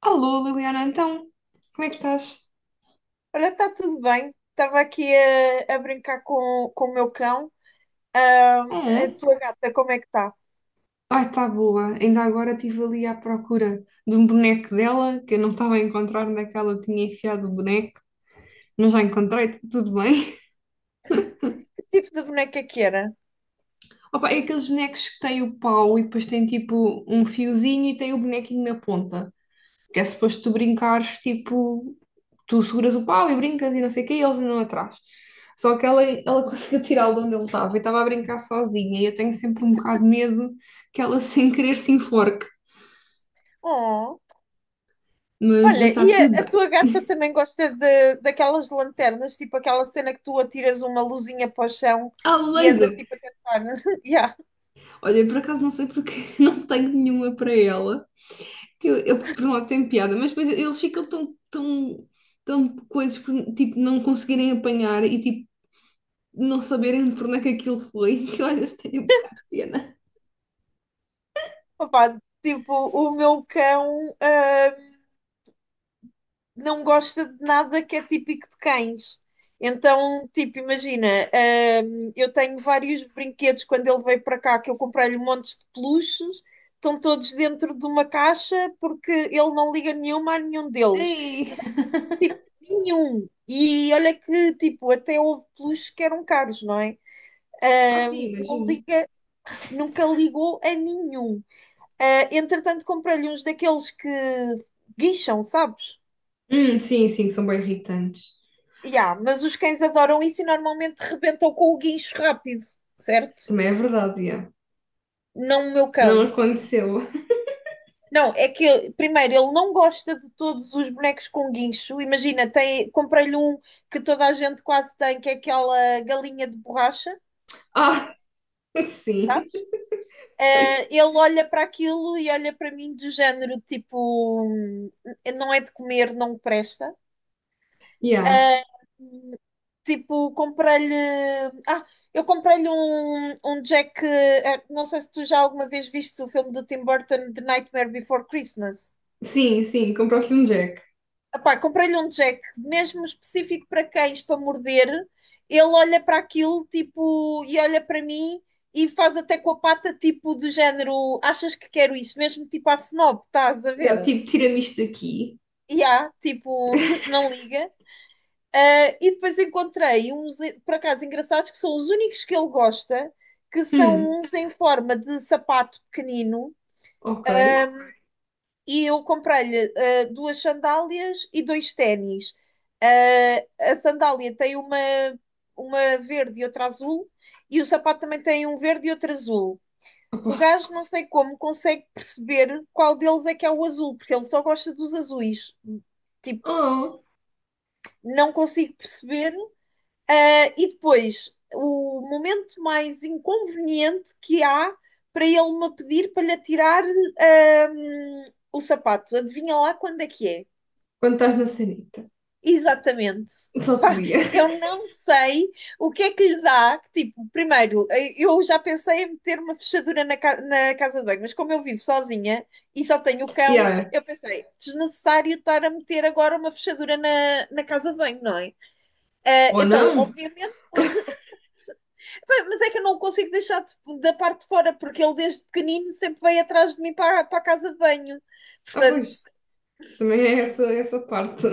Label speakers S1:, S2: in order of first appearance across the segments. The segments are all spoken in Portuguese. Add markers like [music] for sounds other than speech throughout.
S1: Alô, Liliana, então, como é que estás?
S2: Olha, está tudo bem. Estava aqui a brincar com o meu cão. Ah, a
S1: Hum,
S2: tua gata, como é que está?
S1: ai, está boa. Ainda agora estive ali à procura de um boneco dela, que eu não estava a encontrar naquela eu tinha enfiado o boneco, mas já encontrei, tá tudo bem.
S2: Que tipo de boneca que era?
S1: [laughs] Opa, é aqueles bonecos que têm o pau e depois tem tipo um fiozinho e tem o bonequinho na ponta. Que é suposto tu brincares, tipo, tu seguras o pau e brincas e não sei o quê, e eles andam atrás. Só que ela [laughs] conseguiu tirá-lo de onde ele estava e estava a brincar sozinha. E eu tenho sempre um bocado de medo que ela, [laughs] sem querer, se enforque.
S2: Oh.
S1: Mas
S2: Olha,
S1: está
S2: e
S1: tudo
S2: a
S1: bem.
S2: tua gata também gosta daquelas lanternas, tipo aquela cena que tu atiras uma luzinha para o chão
S1: Ah, o
S2: e anda
S1: laser!
S2: tipo a tentar. [laughs] Yeah.
S1: Olha, eu por acaso não sei porque [laughs] não tenho nenhuma para ela. Que Eu, por um lado, tenho piada, mas depois eles ficam tão, tão, tão coisas por, tipo, não conseguirem apanhar e, tipo, não saberem por onde é que aquilo foi, [laughs] que eu às vezes tenho um bocado de pena.
S2: Opa, tipo, o meu cão não gosta de nada que é típico de cães. Então, tipo, imagina, eu tenho vários brinquedos quando ele veio para cá que eu comprei-lhe montes de peluches, estão todos dentro de uma caixa porque ele não liga nenhuma a nenhum deles.
S1: Ei!
S2: Tipo, nenhum. E olha que, tipo, até houve peluches que eram caros, não é?
S1: Ah, sim,
S2: Não
S1: imagino.
S2: liga, nunca ligou a nenhum. Ah, entretanto, comprei-lhe uns daqueles que guincham, sabes?
S1: Sim, sim, são bem irritantes.
S2: Ya, mas os cães adoram isso e normalmente rebentam com o guincho rápido, certo?
S1: Também é verdade, yeah.
S2: Não o meu
S1: Não
S2: cão.
S1: aconteceu. [laughs]
S2: Não, é que primeiro ele não gosta de todos os bonecos com guincho. Imagina, comprei-lhe um que toda a gente quase tem, que é aquela galinha de borracha,
S1: Ah, sim.
S2: sabes?
S1: Sei.
S2: Eh, ele olha para aquilo e olha para mim do género tipo, não é de comer, não presta."
S1: Yeah.
S2: Ah, tipo, comprei-lhe. Ah, eu comprei-lhe um Jack. Ah, não sei se tu já alguma vez viste o filme do Tim Burton, The Nightmare Before Christmas.
S1: Sim, sim, compraste um Jack.
S2: Epá, comprei-lhe um Jack, mesmo específico para cães, para morder. Ele olha para aquilo, tipo, e olha para mim e faz até com a pata, tipo, do género: achas que quero isso? Mesmo tipo à snob, estás a
S1: Yeah,
S2: ver?
S1: tipo, tira-me isto daqui.
S2: E há, tipo, [laughs] não liga. Ah, e depois encontrei uns, por acaso, engraçados, que são os únicos que ele gosta, que
S1: Hum,
S2: são uns em forma de sapato pequenino.
S1: ok.
S2: E eu comprei-lhe duas sandálias e dois ténis. Ah, a sandália tem uma verde e outra azul, e o sapato também tem um verde e outro azul.
S1: Opa.
S2: O gajo não sei como consegue perceber qual deles é que é o azul, porque ele só gosta dos azuis. Tipo,
S1: Oh,
S2: não consigo perceber. Ah, e depois, o momento mais inconveniente que há para ele me pedir para lhe tirar ahm, o sapato. Adivinha lá quando é que é?
S1: quando estás na sanita.
S2: Exatamente.
S1: Só
S2: Pá,
S1: podia. [laughs]
S2: eu não sei o que é que lhe dá. Tipo, primeiro, eh, eu já pensei em meter uma fechadura na, na casa de banho, mas como eu vivo sozinha e só tenho o cão,
S1: Yeah.
S2: eu pensei, desnecessário estar a meter agora uma fechadura na casa de banho, não é? Eh,
S1: Ou não?
S2: então, obviamente. Pá, mas é que eu não consigo deixar de- da parte de fora, porque ele desde pequenino sempre veio atrás de mim para, para a casa de banho.
S1: Ah,
S2: Portanto,
S1: pois. Também é essa, essa parte.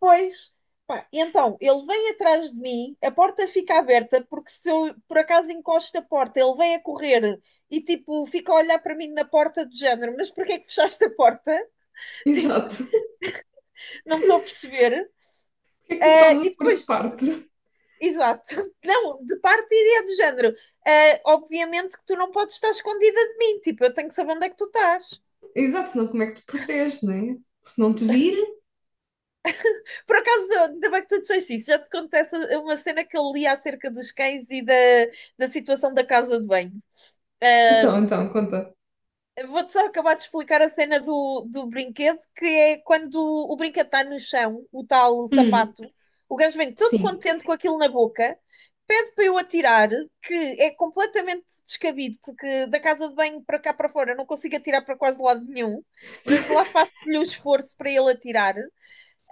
S2: pois. Pá, então, ele vem atrás de mim, a porta fica aberta, porque se eu por acaso encosto a porta, ele vem a correr e tipo fica a olhar para mim na porta do género, mas porquê é que fechaste a porta?
S1: [laughs]
S2: [laughs] Tipo,
S1: Exato.
S2: não estou a perceber.
S1: Porquê é que me
S2: Ah,
S1: estás a
S2: e
S1: pôr de
S2: depois,
S1: parte? [laughs]
S2: exato, [laughs] não, de parte e é do género. Ah, obviamente que tu não podes estar escondida de mim, tipo, eu tenho que saber onde é que tu estás.
S1: Exato, senão como é que te proteges, não é? Se não te vir.
S2: Por acaso, ainda bem que tu disseste isso, já te contei uma cena que eu li acerca dos cães e da situação da casa de banho.
S1: Então,
S2: Ahm,
S1: então, conta.
S2: Vou-te só acabar de explicar a cena do brinquedo, que é quando o brinquedo está no chão, o tal
S1: Hum,
S2: sapato, o gajo vem todo
S1: sim.
S2: contente com aquilo na boca, pede para eu atirar, que é completamente descabido, porque da casa de banho para cá para fora eu não consigo atirar para quase lado nenhum, mas lá faço-lhe o esforço para ele atirar.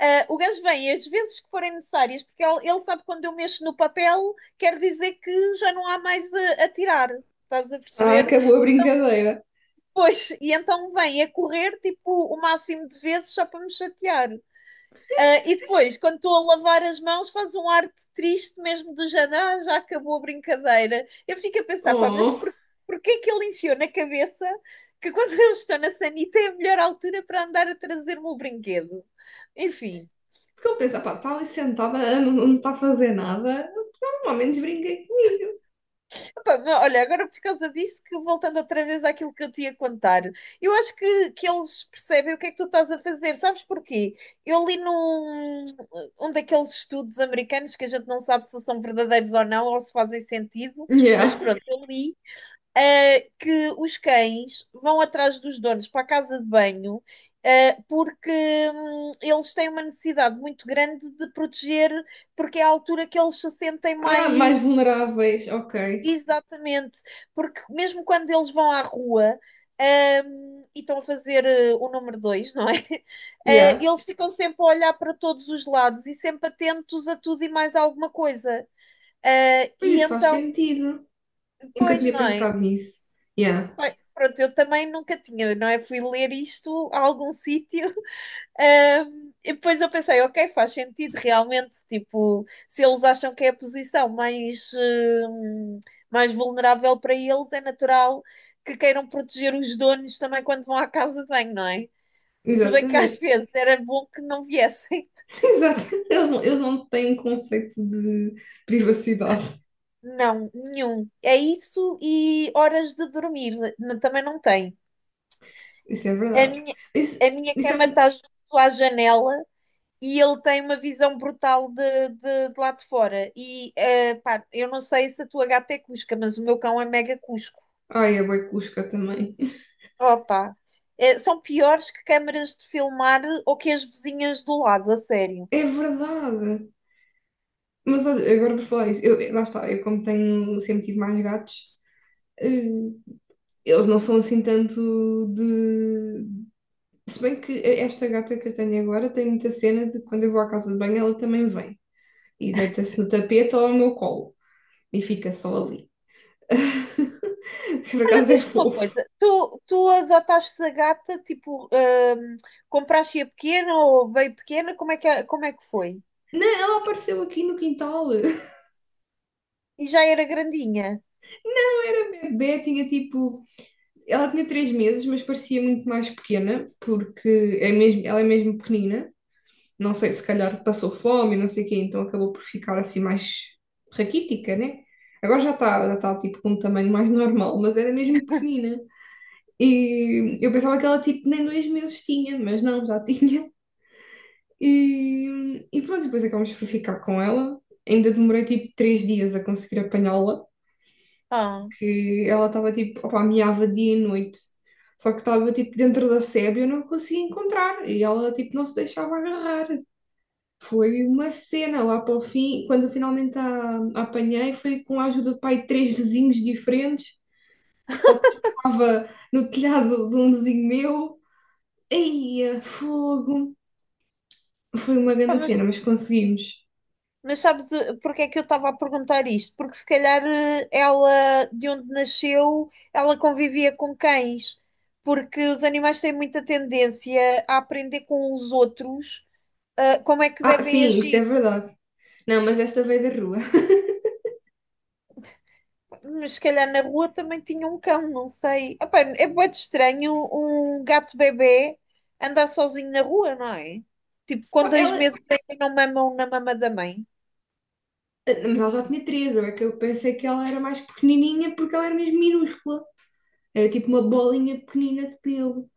S2: Ah, o gajo vem as vezes que forem necessárias, porque ele sabe que quando eu mexo no papel, quer dizer que já não há mais a tirar. Estás a
S1: Ah,
S2: perceber?
S1: acabou a
S2: E
S1: brincadeira.
S2: depois, e então vem a correr tipo o máximo de vezes só para me chatear. Ah, e depois, quando estou a lavar as mãos, faz um ar de triste mesmo do género, "Ah, já acabou a brincadeira." Eu fico a pensar, pá, mas
S1: Oh,
S2: porquê que ele enfiou na cabeça que quando eu estou na sanita é a melhor altura para andar a trazer-me o brinquedo? Enfim.
S1: porque ele pensa, pá, está ali sentada, não, não está a fazer nada. Normalmente brinca comigo.
S2: Pá, mas olha, agora por causa disso, que voltando outra vez àquilo que eu te ia contar, eu acho que eles percebem o que é que tu estás a fazer, sabes porquê? Eu li num um daqueles estudos americanos que a gente não sabe se são verdadeiros ou não, ou se fazem sentido, mas
S1: Yeah.
S2: pronto, eu li, eh, que os cães vão atrás dos donos para a casa de banho, eh, porque eles têm uma necessidade muito grande de proteger, porque é a altura que eles se sentem
S1: Ah, mais
S2: mais.
S1: vulneráveis, ok.
S2: Exatamente, porque mesmo quando eles vão à rua, e estão a fazer eh, o número dois, não é? [laughs] Eh,
S1: Yeah.
S2: eles ficam sempre a olhar para todos os lados e sempre atentos a tudo e mais alguma coisa. Eh,
S1: Pois
S2: e
S1: isso faz
S2: então,
S1: sentido. Nunca
S2: pois,
S1: tinha
S2: não é?
S1: pensado nisso. Yeah.
S2: Bem, pronto, eu também nunca tinha, não é? Fui ler isto a algum [laughs] sítio. E depois eu pensei, ok, faz sentido realmente, tipo, se eles acham que é a posição mais, mais vulnerável para eles, é natural que queiram proteger os donos também quando vão à casa de banho, não é? Se bem que às
S1: Exatamente.
S2: vezes era bom que não viessem. [laughs]
S1: [laughs] Exato. Eles não têm conceito de privacidade.
S2: Não, nenhum. É isso e horas de dormir, também não tem.
S1: Isso é
S2: A
S1: verdade.
S2: minha,
S1: Isso,
S2: a minha
S1: isso é...
S2: cama
S1: um-
S2: está junto à janela e ele tem uma visão brutal de lá de fora. E eh, pá, eu não sei se a tua gata é cusca, mas o meu cão é mega cusco.
S1: Ai, é bué cusca também.
S2: Opa, eh, são piores que câmaras de filmar ou que as vizinhas do lado, a sério.
S1: É verdade. Mas olha, agora por falar isso, eu, lá está, eu como tenho sempre tive mais gatos, eh, eles não são assim tanto de. Se bem que esta gata que eu tenho agora tem muita cena de quando eu vou à casa de banho, ela também vem e deita-se no tapete ou ao meu colo e fica só ali. [laughs] Por
S2: Olha,
S1: acaso é
S2: diz-me uma
S1: fofo.
S2: coisa, tu adotaste a gata, tipo, compraste-a pequena ou veio pequena, como é que foi?
S1: Não, ela apareceu aqui no quintal. [laughs]
S2: E já era grandinha?
S1: Não era bebê, tinha tipo. Ela tinha 3 meses, mas parecia muito mais pequena, porque é mesmo, ela é mesmo pequenina. Não sei, se calhar passou fome, não sei o quê, então acabou por ficar assim mais raquítica, né? Agora já está tipo com um tamanho mais normal, mas era mesmo pequenina. E eu pensava que ela tipo nem 2 meses tinha, mas não, já [laughs] tinha. E pronto, depois acabamos por ficar com ela. Ainda demorei tipo 3 dias a conseguir apanhá-la,
S2: Ah,
S1: porque ela estava tipo, opa, miava dia e noite. Só que estava tipo dentro da sebe e eu não conseguia encontrar. E ela tipo não se deixava agarrar. Foi uma cena lá para o fim, quando eu finalmente a apanhei, foi com a ajuda de pai de três vizinhos diferentes. Estava no telhado de um vizinho meu. Eia, fogo! Foi uma
S2: pá,
S1: grande
S2: mas
S1: cena, mas conseguimos.
S2: Mas sabes eh, porque é que eu estava a perguntar isto? Porque se calhar eh, ela, de onde nasceu, ela convivia com cães, porque os animais têm muita tendência a aprender com os outros, eh, como é que
S1: Ah,
S2: devem
S1: sim, isso
S2: agir.
S1: é verdade. Não, mas esta veio da rua.
S2: Mas se calhar na rua também tinha um cão, não sei. Epá, é muito estranho um gato bebê andar sozinho na rua, não é? Tipo,
S1: [laughs]
S2: com
S1: Pá,
S2: dois
S1: ela,
S2: meses ainda não mamam na mama da mãe.
S1: mas ela já tinha 13, é que eu pensei que ela era mais pequenininha porque ela era mesmo minúscula. Era tipo uma bolinha pequenina de pelo.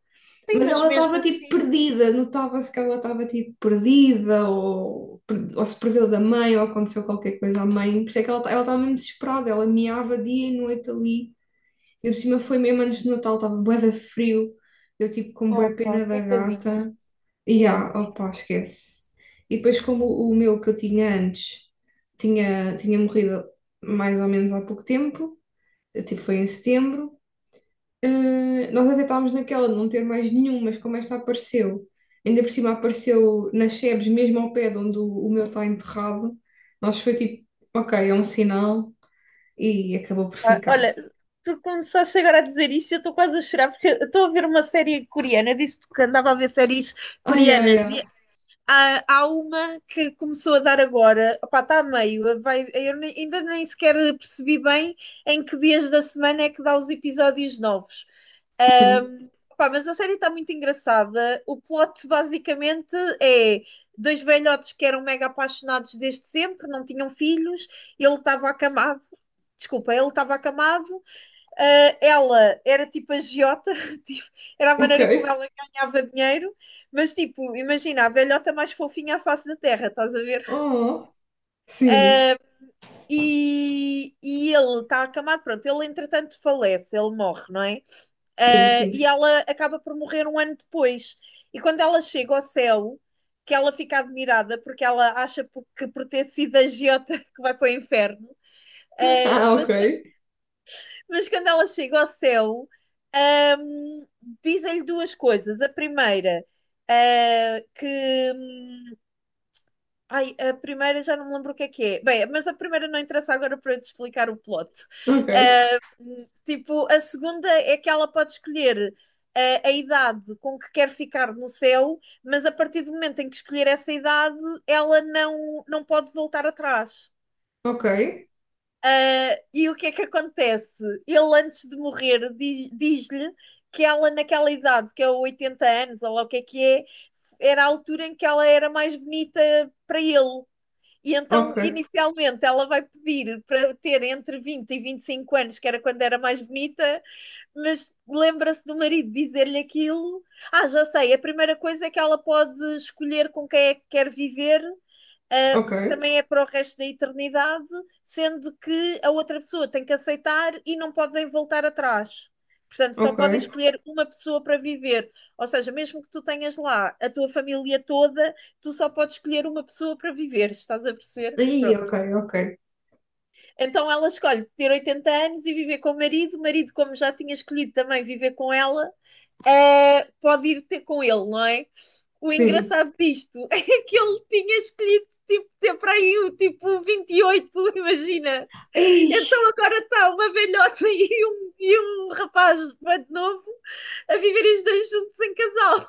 S2: Sim,
S1: Mas
S2: mas
S1: ela
S2: mesmo
S1: estava tipo
S2: assim.
S1: perdida, notava-se que ela estava tipo perdida, ou, ou se perdeu da mãe, ou aconteceu qualquer coisa à mãe. Por isso é que ela estava mesmo desesperada, ela miava dia e noite ali. E por cima foi mesmo antes do Natal, estava bué de frio, eu tipo com bué
S2: Opa,
S1: pena da
S2: coitadinha.
S1: gata. E
S2: Yeah.
S1: ah, opa, esquece. E depois, como o meu que eu tinha antes tinha, tinha morrido mais ou menos há pouco tempo, eu, tipo, foi em setembro. Nós até estávamos naquela de não ter mais nenhum, mas como esta apareceu, ainda por cima apareceu nas sebes, mesmo ao pé de onde o meu está enterrado, nós foi tipo, ok, é um sinal e acabou por
S2: Ah,
S1: ficar.
S2: olha, tu começaste agora a dizer isto, eu estou quase a chorar porque eu estou a ver uma série coreana. Eu disse-te que andava a ver séries
S1: Ai, ai,
S2: coreanas
S1: ai.
S2: e há uma que começou a dar agora. Opá, está a meio. Vai, eu ainda nem sequer percebi bem em que dias da semana é que dá os episódios novos.
S1: Hum,
S2: Opá, mas a série está muito engraçada. O plot basicamente é dois velhotes que eram mega apaixonados desde sempre, não tinham filhos, ele estava acamado. Desculpa, ele estava acamado. Ela era tipo agiota, [laughs] tipo, era a
S1: ok.
S2: maneira como ela ganhava dinheiro, mas tipo, imagina, a velhota mais fofinha à face da terra, estás a ver?
S1: Oh, sim,
S2: Uh, e, e ele está acamado, pronto, ele entretanto falece, ele morre, não é?
S1: sim,
S2: E
S1: sim.
S2: ela acaba por morrer um ano depois. E quando ela chega ao céu, que ela fica admirada porque ela acha que por ter sido agiota [laughs] que vai para o inferno. Uh,
S1: Ah, ok,
S2: mas Mas quando ela chega ao céu, ahm, dizem-lhe duas coisas. A primeira, ah, que. Ai, a primeira já não me lembro o que é que é. Bem, mas a primeira não interessa agora para eu te explicar o plot.
S1: ok,
S2: Ah, tipo, a segunda é que ela pode escolher. A idade com que quer ficar no céu, mas a partir do momento em que escolher essa idade, ela não pode voltar atrás.
S1: ok,
S2: Ah, e o que é que acontece? Ele, antes de morrer, diz-lhe que ela, naquela idade, que é 80 anos, ou lá o que é, era a altura em que ela era mais bonita para ele. E então,
S1: ok,
S2: inicialmente, ela vai pedir para ter entre 20 e 25 anos, que era quando era mais bonita, mas lembra-se do marido dizer-lhe aquilo. Ah, já sei, a primeira coisa é que ela pode escolher com quem é que quer viver,
S1: ok,
S2: também é para o resto da eternidade, sendo que a outra pessoa tem que aceitar e não podem voltar atrás. Portanto, só
S1: ok.
S2: podem escolher uma pessoa para viver. Ou seja, mesmo que tu tenhas lá a tua família toda, tu só podes escolher uma pessoa para viver, estás a perceber?
S1: Ih, ok,
S2: Pronto.
S1: ok,
S2: Então ela escolhe ter 80 anos e viver com o marido, como já tinha escolhido também viver com ela, pode ir ter com ele, não é? O
S1: sim.
S2: engraçado disto [laughs] é que ele tinha escolhido, tipo, ter para aí o tipo 28, [laughs] imagina.
S1: Ei,
S2: Então agora está uma velhota [laughs] e um rapaz de novo a viverem os dois juntos em casal. [laughs]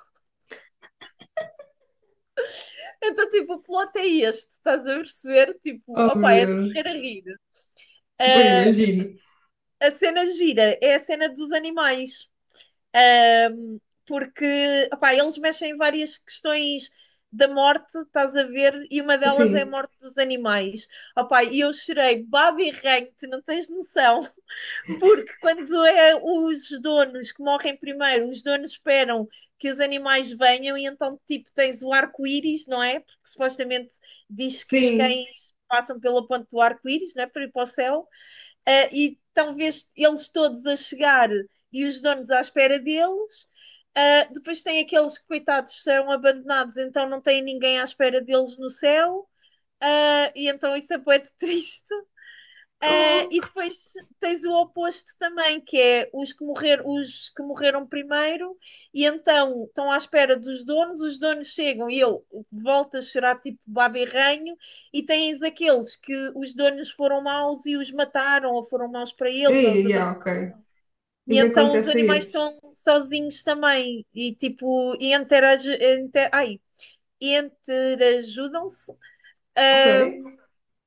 S2: Então, tipo, o plot é este, estás a perceber?
S1: oh
S2: Tipo,
S1: meu
S2: opá, é de
S1: Deus,
S2: morrer a rir.
S1: depois
S2: Uh,
S1: imagino.
S2: a cena gira é a cena dos animais. Um, porque opá, eles mexem em várias questões da morte, estás a ver, e uma delas é a
S1: Sim,
S2: morte dos animais. Opá, e eu chorei baba e ranho, tu não tens noção, [laughs] porque quando é os donos que morrem primeiro, os donos esperam que os animais venham e então, tipo, tens o arco-íris, não é? Porque supostamente diz que os
S1: sim.
S2: cães passam pela ponte do arco-íris, não é? Para ir para o céu. Ah, e talvez eles todos a chegar e os donos à espera deles. Ah, depois tem aqueles que, coitados, são abandonados, então não tem ninguém à espera deles no céu. Ah, e então isso é bué de triste. Eh,
S1: Oh.
S2: e depois tens o oposto também, que é os que, morrer, os que morreram primeiro, e então estão à espera dos donos, os donos chegam e eu volto a chorar tipo babirranho, e tens aqueles que os donos foram maus e os mataram, ou foram maus para eles, ou os
S1: Aí,
S2: aban-
S1: yeah, ok. E o
S2: e
S1: que
S2: então os
S1: acontece a
S2: animais
S1: esses?
S2: estão sozinhos também, e tipo, e interage, inter, ai, interajudam-se,
S1: Ok,
S2: ah,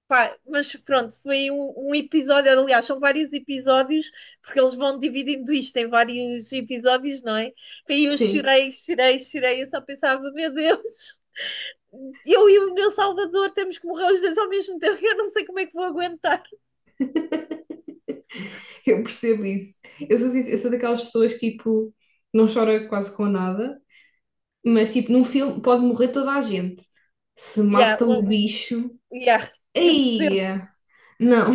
S2: pá, mas pronto, foi um, um episódio, aliás, são vários episódios, porque eles vão dividindo isto em vários episódios, não é? E eu
S1: sim,
S2: chorei, chorei, chorei, eu só pensava, meu Deus, eu e o meu Salvador temos que morrer os dois ao mesmo tempo, eu não sei como é que vou aguentar.
S1: [laughs] eu percebo isso. Eu sou daquelas pessoas que, tipo, não chora quase com nada, mas, tipo, num filme pode morrer toda a gente. Se
S2: Yeah,
S1: mata o bicho,
S2: yeah, eu
S1: aí,
S2: percebo.
S1: não,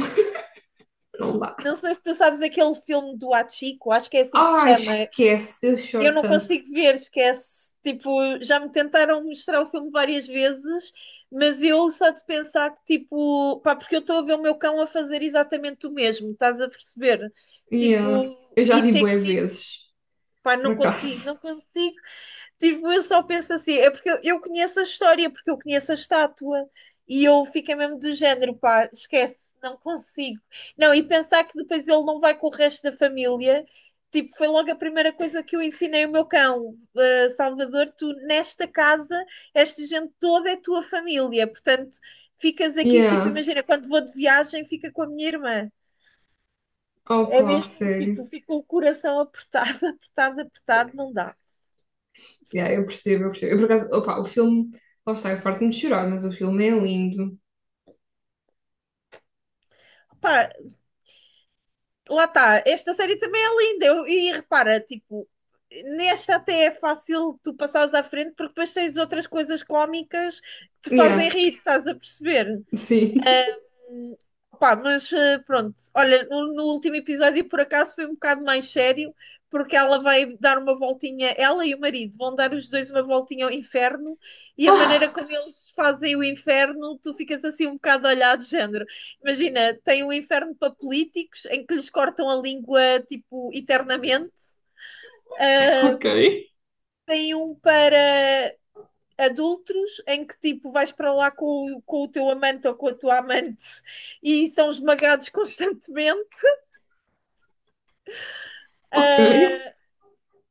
S1: [laughs] não dá.
S2: Não sei se tu sabes aquele filme do Hachiko, acho que é assim que se
S1: Ah,
S2: chama.
S1: esquece, eu
S2: Eu
S1: choro
S2: não
S1: tanto.
S2: consigo ver, esquece. Tipo, já me tentaram mostrar o filme várias vezes, mas eu só de pensar que, tipo, pá, porque eu estou a ver o meu cão a fazer exatamente o mesmo, estás a perceber? Tipo,
S1: Yeah. Eu já
S2: ir
S1: vi
S2: ter
S1: bué
S2: comigo,
S1: vezes,
S2: pá,
S1: por
S2: não consigo,
S1: acaso.
S2: não consigo. Tipo, eu só penso assim, é porque eu conheço a história, porque eu conheço a estátua e eu fiquei mesmo do género, pá, esquece, não consigo. Não, e pensar que depois ele não vai com o resto da família, tipo, foi logo a primeira coisa que eu ensinei o meu cão, "Ah, Salvador, tu nesta casa, esta gente toda é tua família, portanto, ficas aqui, tipo,
S1: Yeah.
S2: imagina, quando vou de viagem, fica com a minha irmã." É
S1: Opa,
S2: mesmo, tipo,
S1: sério.
S2: fica o coração apertado, [laughs] apertado, apertado, não dá.
S1: Yeah, eu percebo, eu percebo. Eu, por acaso, opa, o filme, lá está, eu farto-me de chorar, mas o filme é lindo.
S2: Pá, lá está, esta série também é linda. Eu- e repara, tipo, nesta até é fácil tu passares à frente porque depois tens outras coisas cómicas que te fazem
S1: Yeah.
S2: rir, estás a perceber?
S1: Sim. [laughs]
S2: Pá, mas pronto, olha, no último episódio por acaso foi um bocado mais sério, porque ela vai dar uma voltinha, ela e o marido vão dar os dois uma voltinha ao inferno, e a maneira
S1: Ah,
S2: como eles fazem o inferno, tu ficas assim um bocado olhado, de género. Imagina, tem um inferno para políticos, em que lhes cortam a língua, tipo, eternamente,
S1: ok,
S2: ah, tem um para adultos em que tipo vais para lá com, com o teu amante ou com a tua amante e são esmagados [laughs] constantemente.
S1: ok.
S2: Ah,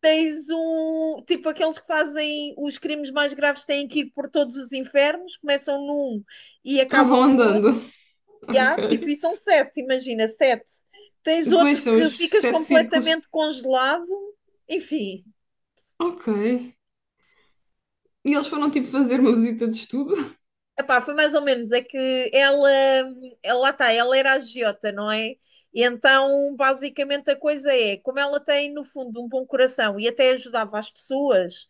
S2: tens um tipo aqueles que fazem os crimes mais graves têm que ir por todos os infernos, começam num e
S1: Ah,
S2: acabam
S1: vão
S2: no
S1: andando.
S2: outro. E há, tipo,
S1: Ok.
S2: e são sete, imagina, sete. Tens
S1: Depois
S2: outro
S1: são
S2: que
S1: os
S2: ficas
S1: sete círculos.
S2: completamente congelado, enfim.
S1: Ok. E eles foram tipo fazer uma visita de estudo?
S2: Epá, foi mais ou menos, é que ela lá está, ela era agiota, não é? E então, basicamente, a coisa é, como ela tem, no fundo, um bom coração e até ajudava as pessoas,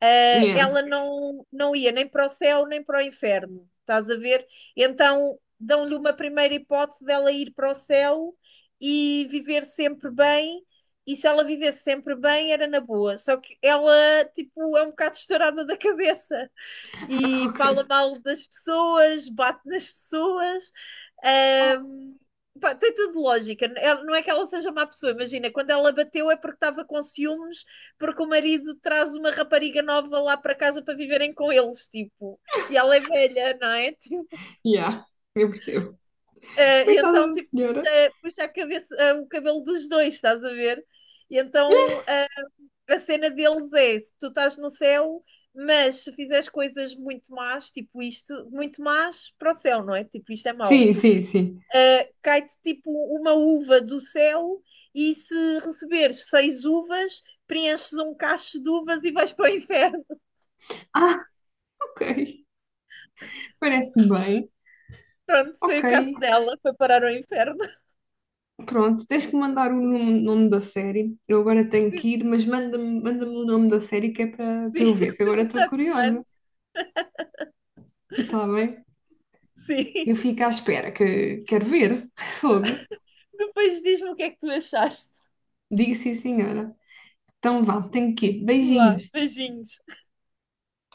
S2: eh,
S1: Yeah.
S2: ela não, não ia nem para o céu nem para o inferno, estás a ver? Então, dão-lhe uma primeira hipótese dela ir para o céu e viver sempre bem, e se ela vivesse sempre bem, era na boa. Só que ela, tipo, é um bocado estourada da cabeça
S1: Ah,
S2: e fala
S1: ok.
S2: mal das pessoas, bate nas pessoas.
S1: Oh.
S2: Ahm, pá, tem tudo lógica. Ela- não é que ela seja má pessoa, imagina, quando ela bateu é porque estava com ciúmes, porque o marido traz uma rapariga nova lá para casa para viverem com eles, tipo, e ela é velha, não é? [laughs] Tipo,
S1: Yeah. Eu percebo.
S2: e
S1: Coitada
S2: então,
S1: da
S2: tipo,
S1: senhora.
S2: puxa, puxa a cabeça, o cabelo dos dois, estás a ver? E então, a cena deles é: se tu estás no céu, mas se fizeres coisas muito más, tipo isto, muito más para o céu, não é? Tipo, isto é mau.
S1: Sim, sim, sim.
S2: Ah, cai-te tipo uma uva do céu e se receberes 6 uvas, preenches um cacho de uvas e vais para o inferno.
S1: Ah, ok. Parece bem.
S2: [laughs] Pronto, foi
S1: Ok.
S2: o caso dela, foi parar ao inferno. [laughs]
S1: Pronto, tens que mandar o nome, nome da série. Eu agora tenho que ir, mas manda-me o nome da série que é para eu
S2: Sim,
S1: ver, que agora estou
S2: já te
S1: curiosa.
S2: mando.
S1: Está bem?
S2: Sim.
S1: Eu fico à espera que quero ver. [laughs] Fogo.
S2: [laughs] Depois diz-me o que é que tu achaste.
S1: Digo sim, senhora. Então vá, tenho que ir.
S2: Vá,
S1: Beijinhos.
S2: beijinhos.